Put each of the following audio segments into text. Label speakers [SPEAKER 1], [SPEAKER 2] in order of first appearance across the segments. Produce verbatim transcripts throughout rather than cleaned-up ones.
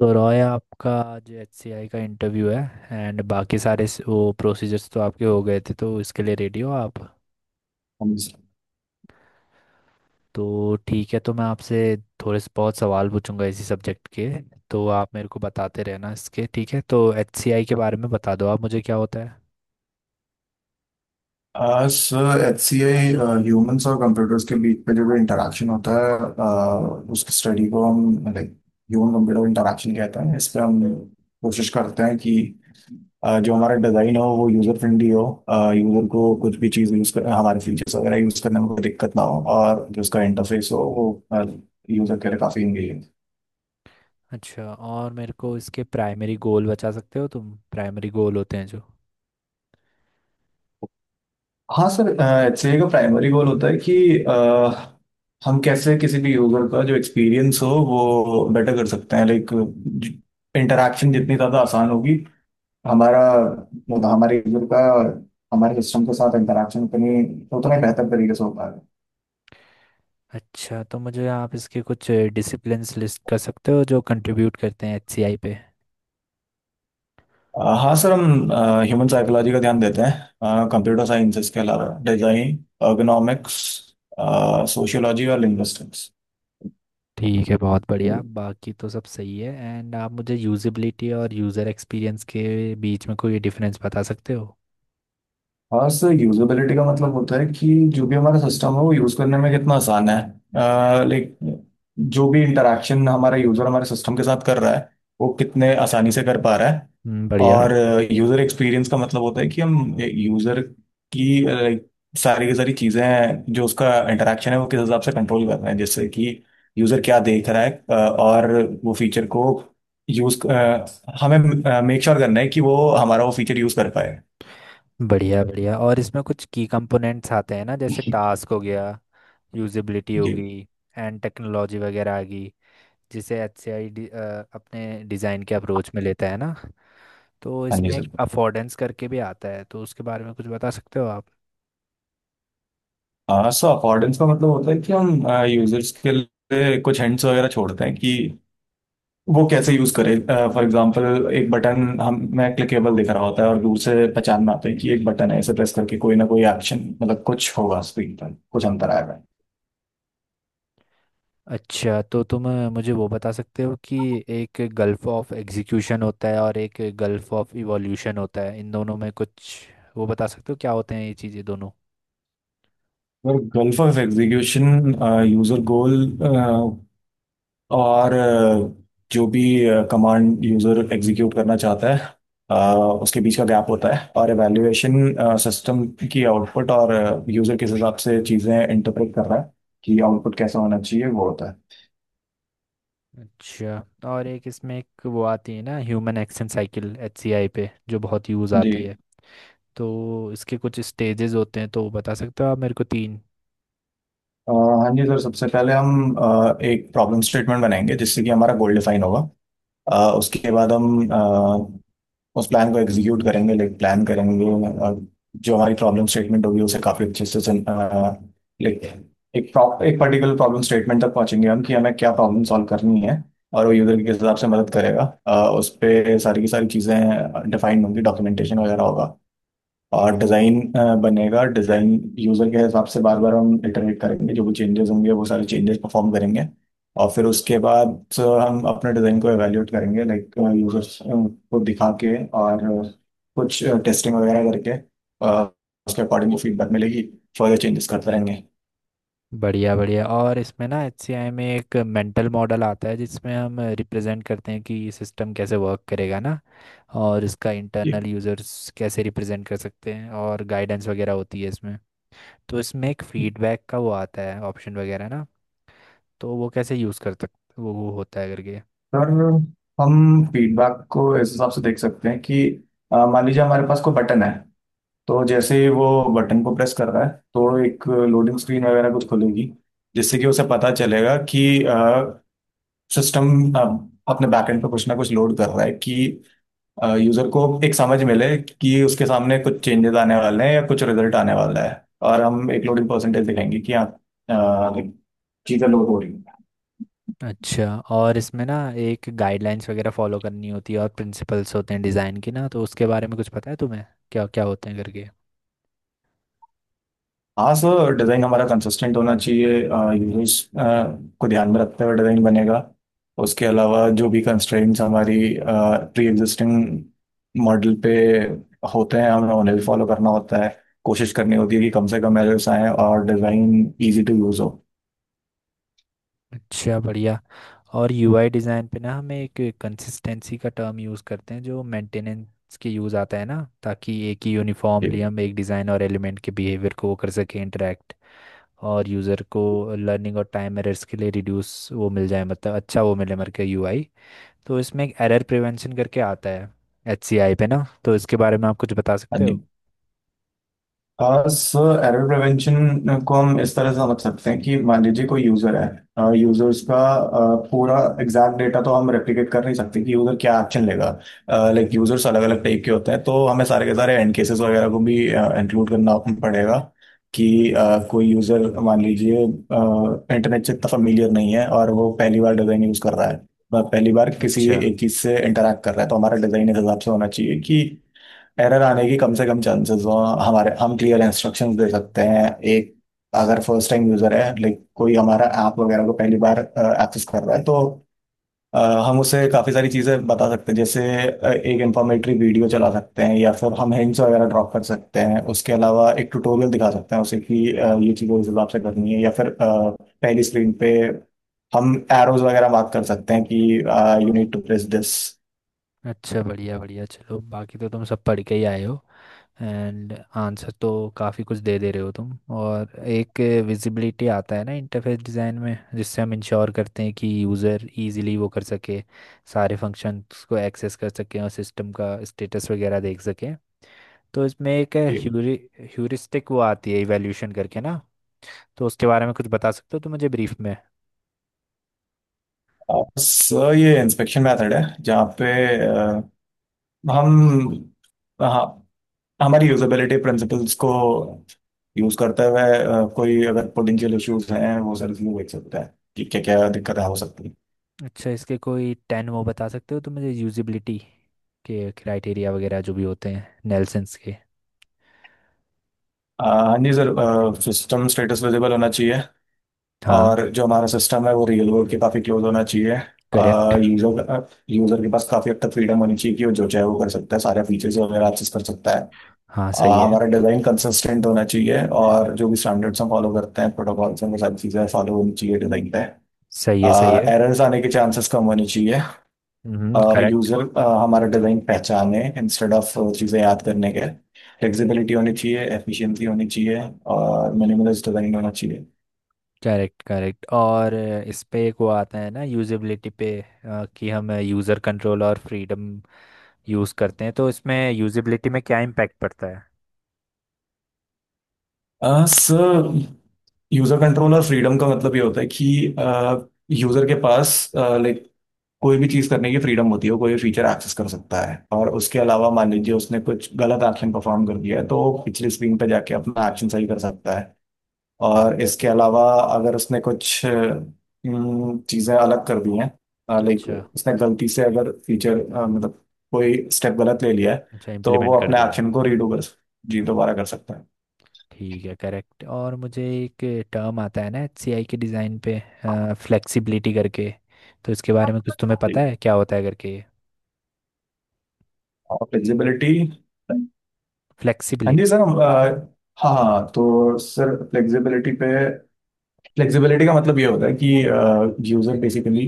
[SPEAKER 1] तो रॉय आपका जो एचसीआई का इंटरव्यू है, एंड बाकी सारे स- वो प्रोसीजर्स तो आपके हो गए थे, तो इसके लिए रेडी हो आप।
[SPEAKER 2] हम इस-
[SPEAKER 1] तो ठीक है, तो मैं आपसे थोड़े से बहुत सवाल पूछूंगा इसी सब्जेक्ट के, तो आप मेरे को बताते रहना इसके। ठीक है, तो एचसीआई के बारे में बता दो आप मुझे क्या होता है।
[SPEAKER 2] Sir H C I humans और कंप्यूटर्स के बीच पे जो भी इंटरेक्शन होता है uh, उस स्टडी को हम लाइक ह्यूमन कंप्यूटर इंटरेक्शन कहते हैं। इस पे हम कोशिश करते हैं कि uh, जो हमारा डिज़ाइन हो वो यूज़र फ्रेंडली हो, यूज़र को कुछ भी चीज़ यूज़ कर हमारे फीचर्स वगैरह यूज़ करने में कोई दिक्कत ना हो और जो उसका इंटरफेस हो वो यूज़र के लिए काफ़ी इंगेजिंग।
[SPEAKER 1] अच्छा, और मेरे को इसके प्राइमरी गोल बता सकते हो तुम, प्राइमरी गोल होते हैं जो।
[SPEAKER 2] हाँ सर, एचसीए का प्राइमरी गोल होता है कि अ, हम कैसे किसी भी यूजर का जो एक्सपीरियंस हो वो बेटर कर सकते हैं। लाइक इंटरेक्शन जितनी ज़्यादा आसान होगी, हमारा मतलब हमारे यूजर का हमारे सिस्टम के साथ इंटरेक्शन उतनी उतना ही बेहतर तरीके से हो पाएगा।
[SPEAKER 1] अच्छा, तो मुझे आप इसके कुछ डिसिप्लिन्स लिस्ट कर सकते हो जो कंट्रीब्यूट करते हैं एचसीआई पे।
[SPEAKER 2] अ, हाँ सर, हम ह्यूमन साइकोलॉजी का ध्यान देते हैं, कंप्यूटर साइंसेस के अलावा डिजाइन, ergonomics, सोशियोलॉजी और लिंग्विस्टिक्स।
[SPEAKER 1] ठीक है, बहुत बढ़िया, बाकी तो सब सही है। एंड आप मुझे यूजिबिलिटी और यूज़र एक्सपीरियंस के बीच में कोई डिफरेंस बता सकते हो।
[SPEAKER 2] हाँ सर, यूजेबिलिटी का मतलब होता है कि जो भी हमारा सिस्टम है वो यूज़ करने में कितना आसान है। लाइक जो भी इंटरेक्शन हमारा यूज़र हमारे सिस्टम के साथ कर रहा है वो कितने आसानी से कर पा रहा है।
[SPEAKER 1] हम्म, बढ़िया।
[SPEAKER 2] और यूज़र एक्सपीरियंस का मतलब होता है कि हम यूज़र की, लाइक, सारी की सारी चीज़ें जो उसका इंटरेक्शन है वो किस हिसाब से कंट्रोल कर रहे हैं। जैसे कि यूज़र क्या देख रहा है अ, और वो फीचर को यूज़, हमें मेक श्योर करना है कि वो हमारा वो फीचर यूज़ कर पाए।
[SPEAKER 1] बढ़िया बढ़िया, और इसमें कुछ की कंपोनेंट्स आते हैं ना, जैसे टास्क हो गया, यूजिबिलिटी
[SPEAKER 2] जी।
[SPEAKER 1] होगी, एंड टेक्नोलॉजी वगैरह आ गई, जिसे एच सी आई डी अपने डिज़ाइन के अप्रोच में लेता है ना। तो
[SPEAKER 2] हाँ जी
[SPEAKER 1] इसमें एक
[SPEAKER 2] सर,
[SPEAKER 1] अफोर्डेंस करके भी आता है, तो उसके बारे में कुछ बता सकते हो आप।
[SPEAKER 2] हाँ सो अकॉर्डेंस का मतलब होता है कि हम यूजर्स के लिए कुछ हिंट्स वगैरह छोड़ते हैं कि वो कैसे यूज करे। फॉर एग्जांपल एक बटन हम मैं क्लिकेबल दिख रहा होता है और दूर से पहचान में आता है कि एक बटन है, इसे प्रेस करके कोई ना कोई एक्शन मतलब कुछ होगा, स्क्रीन पर कुछ अंतर आएगा।
[SPEAKER 1] अच्छा, तो तुम अ, मुझे वो बता सकते हो कि एक गल्फ ऑफ एग्जीक्यूशन होता है और एक गल्फ ऑफ इवोल्यूशन होता है, इन दोनों में कुछ वो बता सकते हो क्या होते हैं ये चीज़ें दोनों।
[SPEAKER 2] और gulf of execution, user goal और अ, जो भी कमांड यूजर एग्जीक्यूट करना चाहता है अ, उसके बीच का गैप होता है। और एवेल्यूएशन, सिस्टम की आउटपुट और यूजर किस हिसाब से चीज़ें इंटरप्रेट कर रहा है कि आउटपुट कैसा होना चाहिए, वो होता है।
[SPEAKER 1] अच्छा, और एक इसमें एक वो आती है ना, ह्यूमन एक्शन साइकिल एचसीआई पे जो बहुत यूज़
[SPEAKER 2] जी।
[SPEAKER 1] आती है, तो इसके कुछ स्टेजेस होते हैं, तो बता सकते हो आप मेरे को तीन।
[SPEAKER 2] अ, हाँ जी सर, सबसे पहले हम अ, एक प्रॉब्लम स्टेटमेंट बनाएंगे जिससे कि हमारा गोल डिफाइन होगा। अ, उसके बाद हम उस प्लान को एग्जीक्यूट करेंगे, लाइक प्लान करेंगे और जो हमारी प्रॉब्लम स्टेटमेंट होगी उसे काफ़ी अच्छे से, लाइक, एक प्रॉप एक पर्टिकुलर प्रॉब्लम स्टेटमेंट तक पहुंचेंगे हम कि हमें क्या प्रॉब्लम सॉल्व करनी है और वो यूज़र के हिसाब से मदद करेगा। अ, उस पर सारी की सारी चीज़ें डिफाइंड होंगी, डॉक्यूमेंटेशन वगैरह होगा और डिज़ाइन बनेगा। डिज़ाइन यूज़र के हिसाब से बार बार हम इटरेट करेंगे, जो भी चेंजेस होंगे वो सारे चेंजेस परफॉर्म करेंगे। और फिर उसके बाद अ, हम अपने डिज़ाइन को एवेल्यूएट करेंगे, लाइक यूज़र्स को दिखा के और अ, कुछ टेस्टिंग वगैरह करके अ, उसके अकॉर्डिंग फीडबैक मिलेगी, फर्दर चेंजेस करते रहेंगे।
[SPEAKER 1] बढ़िया बढ़िया, और इसमें ना एचसीआई में एक मेंटल मॉडल आता है, जिसमें हम रिप्रेजेंट करते हैं कि ये सिस्टम कैसे वर्क करेगा ना, और इसका
[SPEAKER 2] जी
[SPEAKER 1] इंटरनल यूजर्स कैसे रिप्रेजेंट कर सकते हैं, और गाइडेंस वगैरह होती है इसमें। तो इसमें एक फीडबैक का वो आता है, ऑप्शन वगैरह ना, तो वो कैसे यूज़ कर सकते वो वो होता है करके।
[SPEAKER 2] सर, हम फीडबैक को इस हिसाब से देख सकते हैं कि अ, मान लीजिए हमारे पास कोई बटन है, तो जैसे ही वो बटन को प्रेस कर रहा है तो एक लोडिंग स्क्रीन वगैरह कुछ खुलेगी जिससे कि उसे पता चलेगा कि सिस्टम अपने बैकएंड पे कुछ ना कुछ लोड कर रहा है, कि यूजर को एक समझ मिले कि उसके सामने कुछ चेंजेस आने वाले हैं या कुछ रिजल्ट आने वाला है। और हम एक लोडिंग परसेंटेज दिखाएंगे कि हाँ अ, चीजें लोड हो रही हैं।
[SPEAKER 1] अच्छा, और इसमें ना एक गाइडलाइंस वगैरह फॉलो करनी होती है और प्रिंसिपल्स होते हैं डिज़ाइन के ना, तो उसके बारे में कुछ पता है तुम्हें, क्या क्या होते हैं करके।
[SPEAKER 2] हाँ सर, डिज़ाइन हमारा कंसिस्टेंट होना चाहिए, यूजर्स को ध्यान में रखते हुए डिज़ाइन बनेगा। उसके अलावा जो भी कंस्ट्रेंट्स हमारी प्री एग्जिस्टिंग मॉडल पे होते हैं हमें उन्हें भी फॉलो करना होता है। कोशिश करनी होती है कि कम से कम एरर्स आएँ और डिज़ाइन इजी टू यूज़ हो।
[SPEAKER 1] अच्छा बढ़िया, और यूआई डिज़ाइन पे ना हम एक कंसिस्टेंसी का टर्म यूज़ करते हैं, जो मेंटेनेंस के यूज़ आता है ना, ताकि एक ही
[SPEAKER 2] जी।
[SPEAKER 1] यूनिफॉर्मली हम एक डिज़ाइन और एलिमेंट के बिहेवियर को वो कर सकें इंटरेक्ट, और यूज़र को लर्निंग और टाइम एरर्स के लिए रिड्यूस वो मिल जाए, मतलब अच्छा वो मिले मर के यूआई। तो इसमें एक एरर प्रिवेंशन करके आता है एचसीआई पे ना, तो इसके बारे में आप कुछ बता
[SPEAKER 2] हाँ
[SPEAKER 1] सकते हो।
[SPEAKER 2] जी। हाँ सर, एरर प्रिवेंशन को हम इस तरह से समझ सकते हैं कि मान लीजिए कोई यूजर है, यूजर्स का अ, पूरा एग्जैक्ट डेटा तो हम रेप्लिकेट कर नहीं सकते कि यूजर क्या एक्शन लेगा। लाइक यूजर्स अलग अलग टाइप के होते हैं, तो हमें सारे के सारे एंड केसेस वगैरह को भी इंक्लूड करना पड़ेगा कि अ, कोई यूजर मान लीजिए इंटरनेट से इतना फेमिलियर नहीं है और वो पहली बार डिजाइन यूज कर रहा है, वह पहली बार किसी
[SPEAKER 1] अच्छा।
[SPEAKER 2] एक चीज से इंटरेक्ट कर रहा है, तो हमारा डिजाइन इस हिसाब से होना चाहिए कि एरर आने की कम से कम चांसेस हो। हमारे हम क्लियर इंस्ट्रक्शंस दे
[SPEAKER 1] हम्म।
[SPEAKER 2] सकते हैं। एक, अगर फर्स्ट टाइम यूजर है, लाइक कोई हमारा ऐप वगैरह को पहली बार एक्सेस कर रहा है, तो अ, हम उसे काफ़ी सारी चीज़ें बता सकते हैं। जैसे अ, एक इंफॉर्मेटरी वीडियो चला सकते हैं या फिर हम हिंट्स वगैरह ड्रॉप कर सकते हैं, उसके अलावा एक ट्यूटोरियल दिखा सकते हैं उसे कि अ, ये चीज़ें इस हिसाब से करनी है, या फिर अ, पहली स्क्रीन पे हम एरोज वगैरह मार्क कर सकते हैं कि you need to press this.
[SPEAKER 1] अच्छा बढ़िया बढ़िया, चलो बाकी तो तुम सब पढ़ के ही आए हो। एंड आंसर तो काफ़ी कुछ दे दे रहे हो तुम। और एक विजिबिलिटी आता है ना इंटरफेस डिज़ाइन में, जिससे हम इंश्योर करते हैं कि यूज़र इजीली वो कर सके, सारे फंक्शंस को एक्सेस कर सके और सिस्टम का स्टेटस वगैरह देख सके। तो इसमें एक ह्यूरि ह्यूरिस्टिक वो आती है इवैल्यूएशन करके ना, तो उसके बारे में कुछ बता सकते हो तो मुझे ब्रीफ में।
[SPEAKER 2] बस, ये इंस्पेक्शन मेथड है जहाँ पे अ, हम, हाँ, हमारी यूजेबिलिटी प्रिंसिपल्स को यूज करते हुए अ, कोई अगर पोटेंशियल इश्यूज हैं वो सर व्यू देख सकता है कि क्या क्या दिक्कतें हो सकती हैं।
[SPEAKER 1] अच्छा, इसके कोई टेन वो बता सकते हो तो मुझे, यूजिबिलिटी के क्राइटेरिया वगैरह जो भी होते हैं नेल्सन्स के।
[SPEAKER 2] अ, हाँ जी सर, सिस्टम स्टेटस विजिबल होना चाहिए। और
[SPEAKER 1] हाँ।
[SPEAKER 2] जो हमारा सिस्टम है वो रियल वर्ल्ड के काफ़ी क्लोज होना चाहिए।
[SPEAKER 1] करेक्ट।
[SPEAKER 2] यूजर यूजर के पास काफ़ी हद तक फ्रीडम होनी चाहिए कि वो जो चाहे वो कर सकता है, सारे फीचर्स वगैरह एक्सेस कर सकता है।
[SPEAKER 1] हाँ सही
[SPEAKER 2] आ,
[SPEAKER 1] है।
[SPEAKER 2] हमारा डिजाइन कंसिस्टेंट होना चाहिए और जो भी स्टैंडर्ड्स हम फॉलो करते हैं प्रोटोकॉल्स हैं वो सारी चीजें फॉलो होनी चाहिए डिजाइन पे।
[SPEAKER 1] सही है। सही है।
[SPEAKER 2] एरर्स आने के चांसेस कम होने चाहिए।
[SPEAKER 1] हम्म,
[SPEAKER 2] और
[SPEAKER 1] करेक्ट।
[SPEAKER 2] यूजर हमारा डिजाइन पहचाने इंस्टेड ऑफ चीजें याद करने के। फ्लेक्सिबिलिटी होनी चाहिए, एफिशिएंसी होनी चाहिए और मिनिमलिस्ट डिजाइन होना चाहिए।
[SPEAKER 1] करेक्ट, करेक्ट, और अ, इस पे एक वो आता है ना यूजेबिलिटी पे, अ, कि हम यूज़र कंट्रोल और फ्रीडम यूज़ करते हैं, तो इसमें यूजेबिलिटी में क्या इम्पैक्ट पड़ता है।
[SPEAKER 2] सर, यूजर कंट्रोल और फ्रीडम का मतलब ये होता है कि यूजर के पास, लाइक, कोई भी चीज करने की फ्रीडम होती है, वो कोई भी फीचर एक्सेस कर सकता है। और उसके अलावा मान लीजिए उसने कुछ गलत एक्शन परफॉर्म कर दिया है तो वो पिछली स्क्रीन पे जाके अपना एक्शन सही कर सकता है।
[SPEAKER 1] हाँ।
[SPEAKER 2] और इसके अलावा अगर उसने कुछ अम, चीजें अलग कर दी हैं, लाइक
[SPEAKER 1] अच्छा।
[SPEAKER 2] उसने गलती से अगर फीचर, मतलब कोई
[SPEAKER 1] अ-
[SPEAKER 2] स्टेप गलत ले लिया है,
[SPEAKER 1] अच्छा,
[SPEAKER 2] तो
[SPEAKER 1] इम्प्लीमेंट
[SPEAKER 2] वो
[SPEAKER 1] कर
[SPEAKER 2] अपने
[SPEAKER 1] दिया है।
[SPEAKER 2] एक्शन को रीडू कर, जी, दोबारा कर सकता है।
[SPEAKER 1] ठीक है, करेक्ट। और मुझे एक टर्म आता है ना एचसीआई के डिज़ाइन पे, फ्लेक्सिबिलिटी करके, तो इसके बारे में कुछ तुम्हें पता
[SPEAKER 2] जी।
[SPEAKER 1] है क्या होता है करके।
[SPEAKER 2] और फ्लेक्सिबिलिटी। हाँ जी
[SPEAKER 1] फ्लेक्सिबिलिटी।
[SPEAKER 2] सर हम, अ, हाँ हाँ, तो सर फ्लेक्सिबिलिटी पे, फ्लेक्सिबिलिटी का मतलब ये होता है कि user basically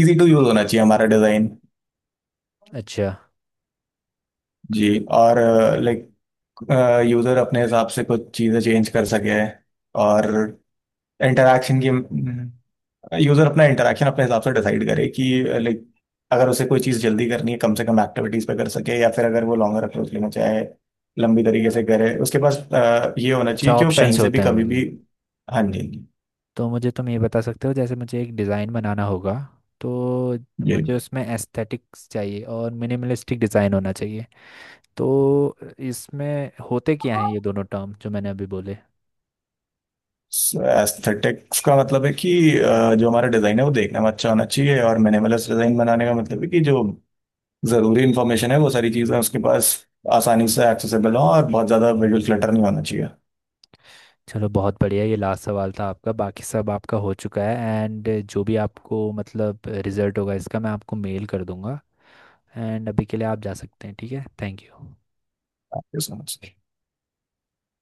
[SPEAKER 2] easy to use होना चाहिए हमारा डिजाइन।
[SPEAKER 1] अच्छा।
[SPEAKER 2] जी। और, लाइक, यूजर अपने हिसाब से कुछ चीजें चेंज कर सके। और इंटरेक्शन की, यूजर अपना इंटरेक्शन अपने हिसाब से डिसाइड करे कि, लाइक, अगर उसे कोई चीज जल्दी करनी है कम से कम एक्टिविटीज पे कर सके, या फिर अगर वो लॉन्गर अप्रोच लेना चाहे लंबी तरीके से करे, उसके पास अ, ये होना
[SPEAKER 1] अच्छा,
[SPEAKER 2] चाहिए कि वो कहीं
[SPEAKER 1] ऑप्शंस
[SPEAKER 2] से भी
[SPEAKER 1] होते हैं
[SPEAKER 2] कभी
[SPEAKER 1] मतलब।
[SPEAKER 2] भी। हाँ जी।
[SPEAKER 1] तो मुझे तुम ये बता सकते हो, जैसे मुझे एक डिज़ाइन बनाना होगा, तो
[SPEAKER 2] जी,
[SPEAKER 1] मुझे उसमें एस्थेटिक्स चाहिए और मिनिमलिस्टिक डिज़ाइन होना चाहिए, तो इसमें होते क्या हैं ये दोनों टर्म जो मैंने अभी बोले।
[SPEAKER 2] एस्थेटिक्स का मतलब है कि अ, जो हमारा डिजाइन है वो देखने में अच्छा होना चाहिए। और मिनिमलिस्ट डिजाइन बनाने का मतलब है कि जो जरूरी इंफॉर्मेशन है वो सारी चीजें उसके पास आसानी से एक्सेसिबल हो और बहुत ज्यादा विजुअल क्लटर नहीं होना चाहिए।
[SPEAKER 1] चलो, बहुत बढ़िया, ये लास्ट सवाल था आपका, बाकी सब आपका हो चुका है। एंड जो भी आपको मतलब रिजल्ट होगा इसका, मैं आपको मेल कर दूंगा। एंड अभी के लिए आप जा सकते हैं, ठीक है, thank you.
[SPEAKER 2] Thank you so much.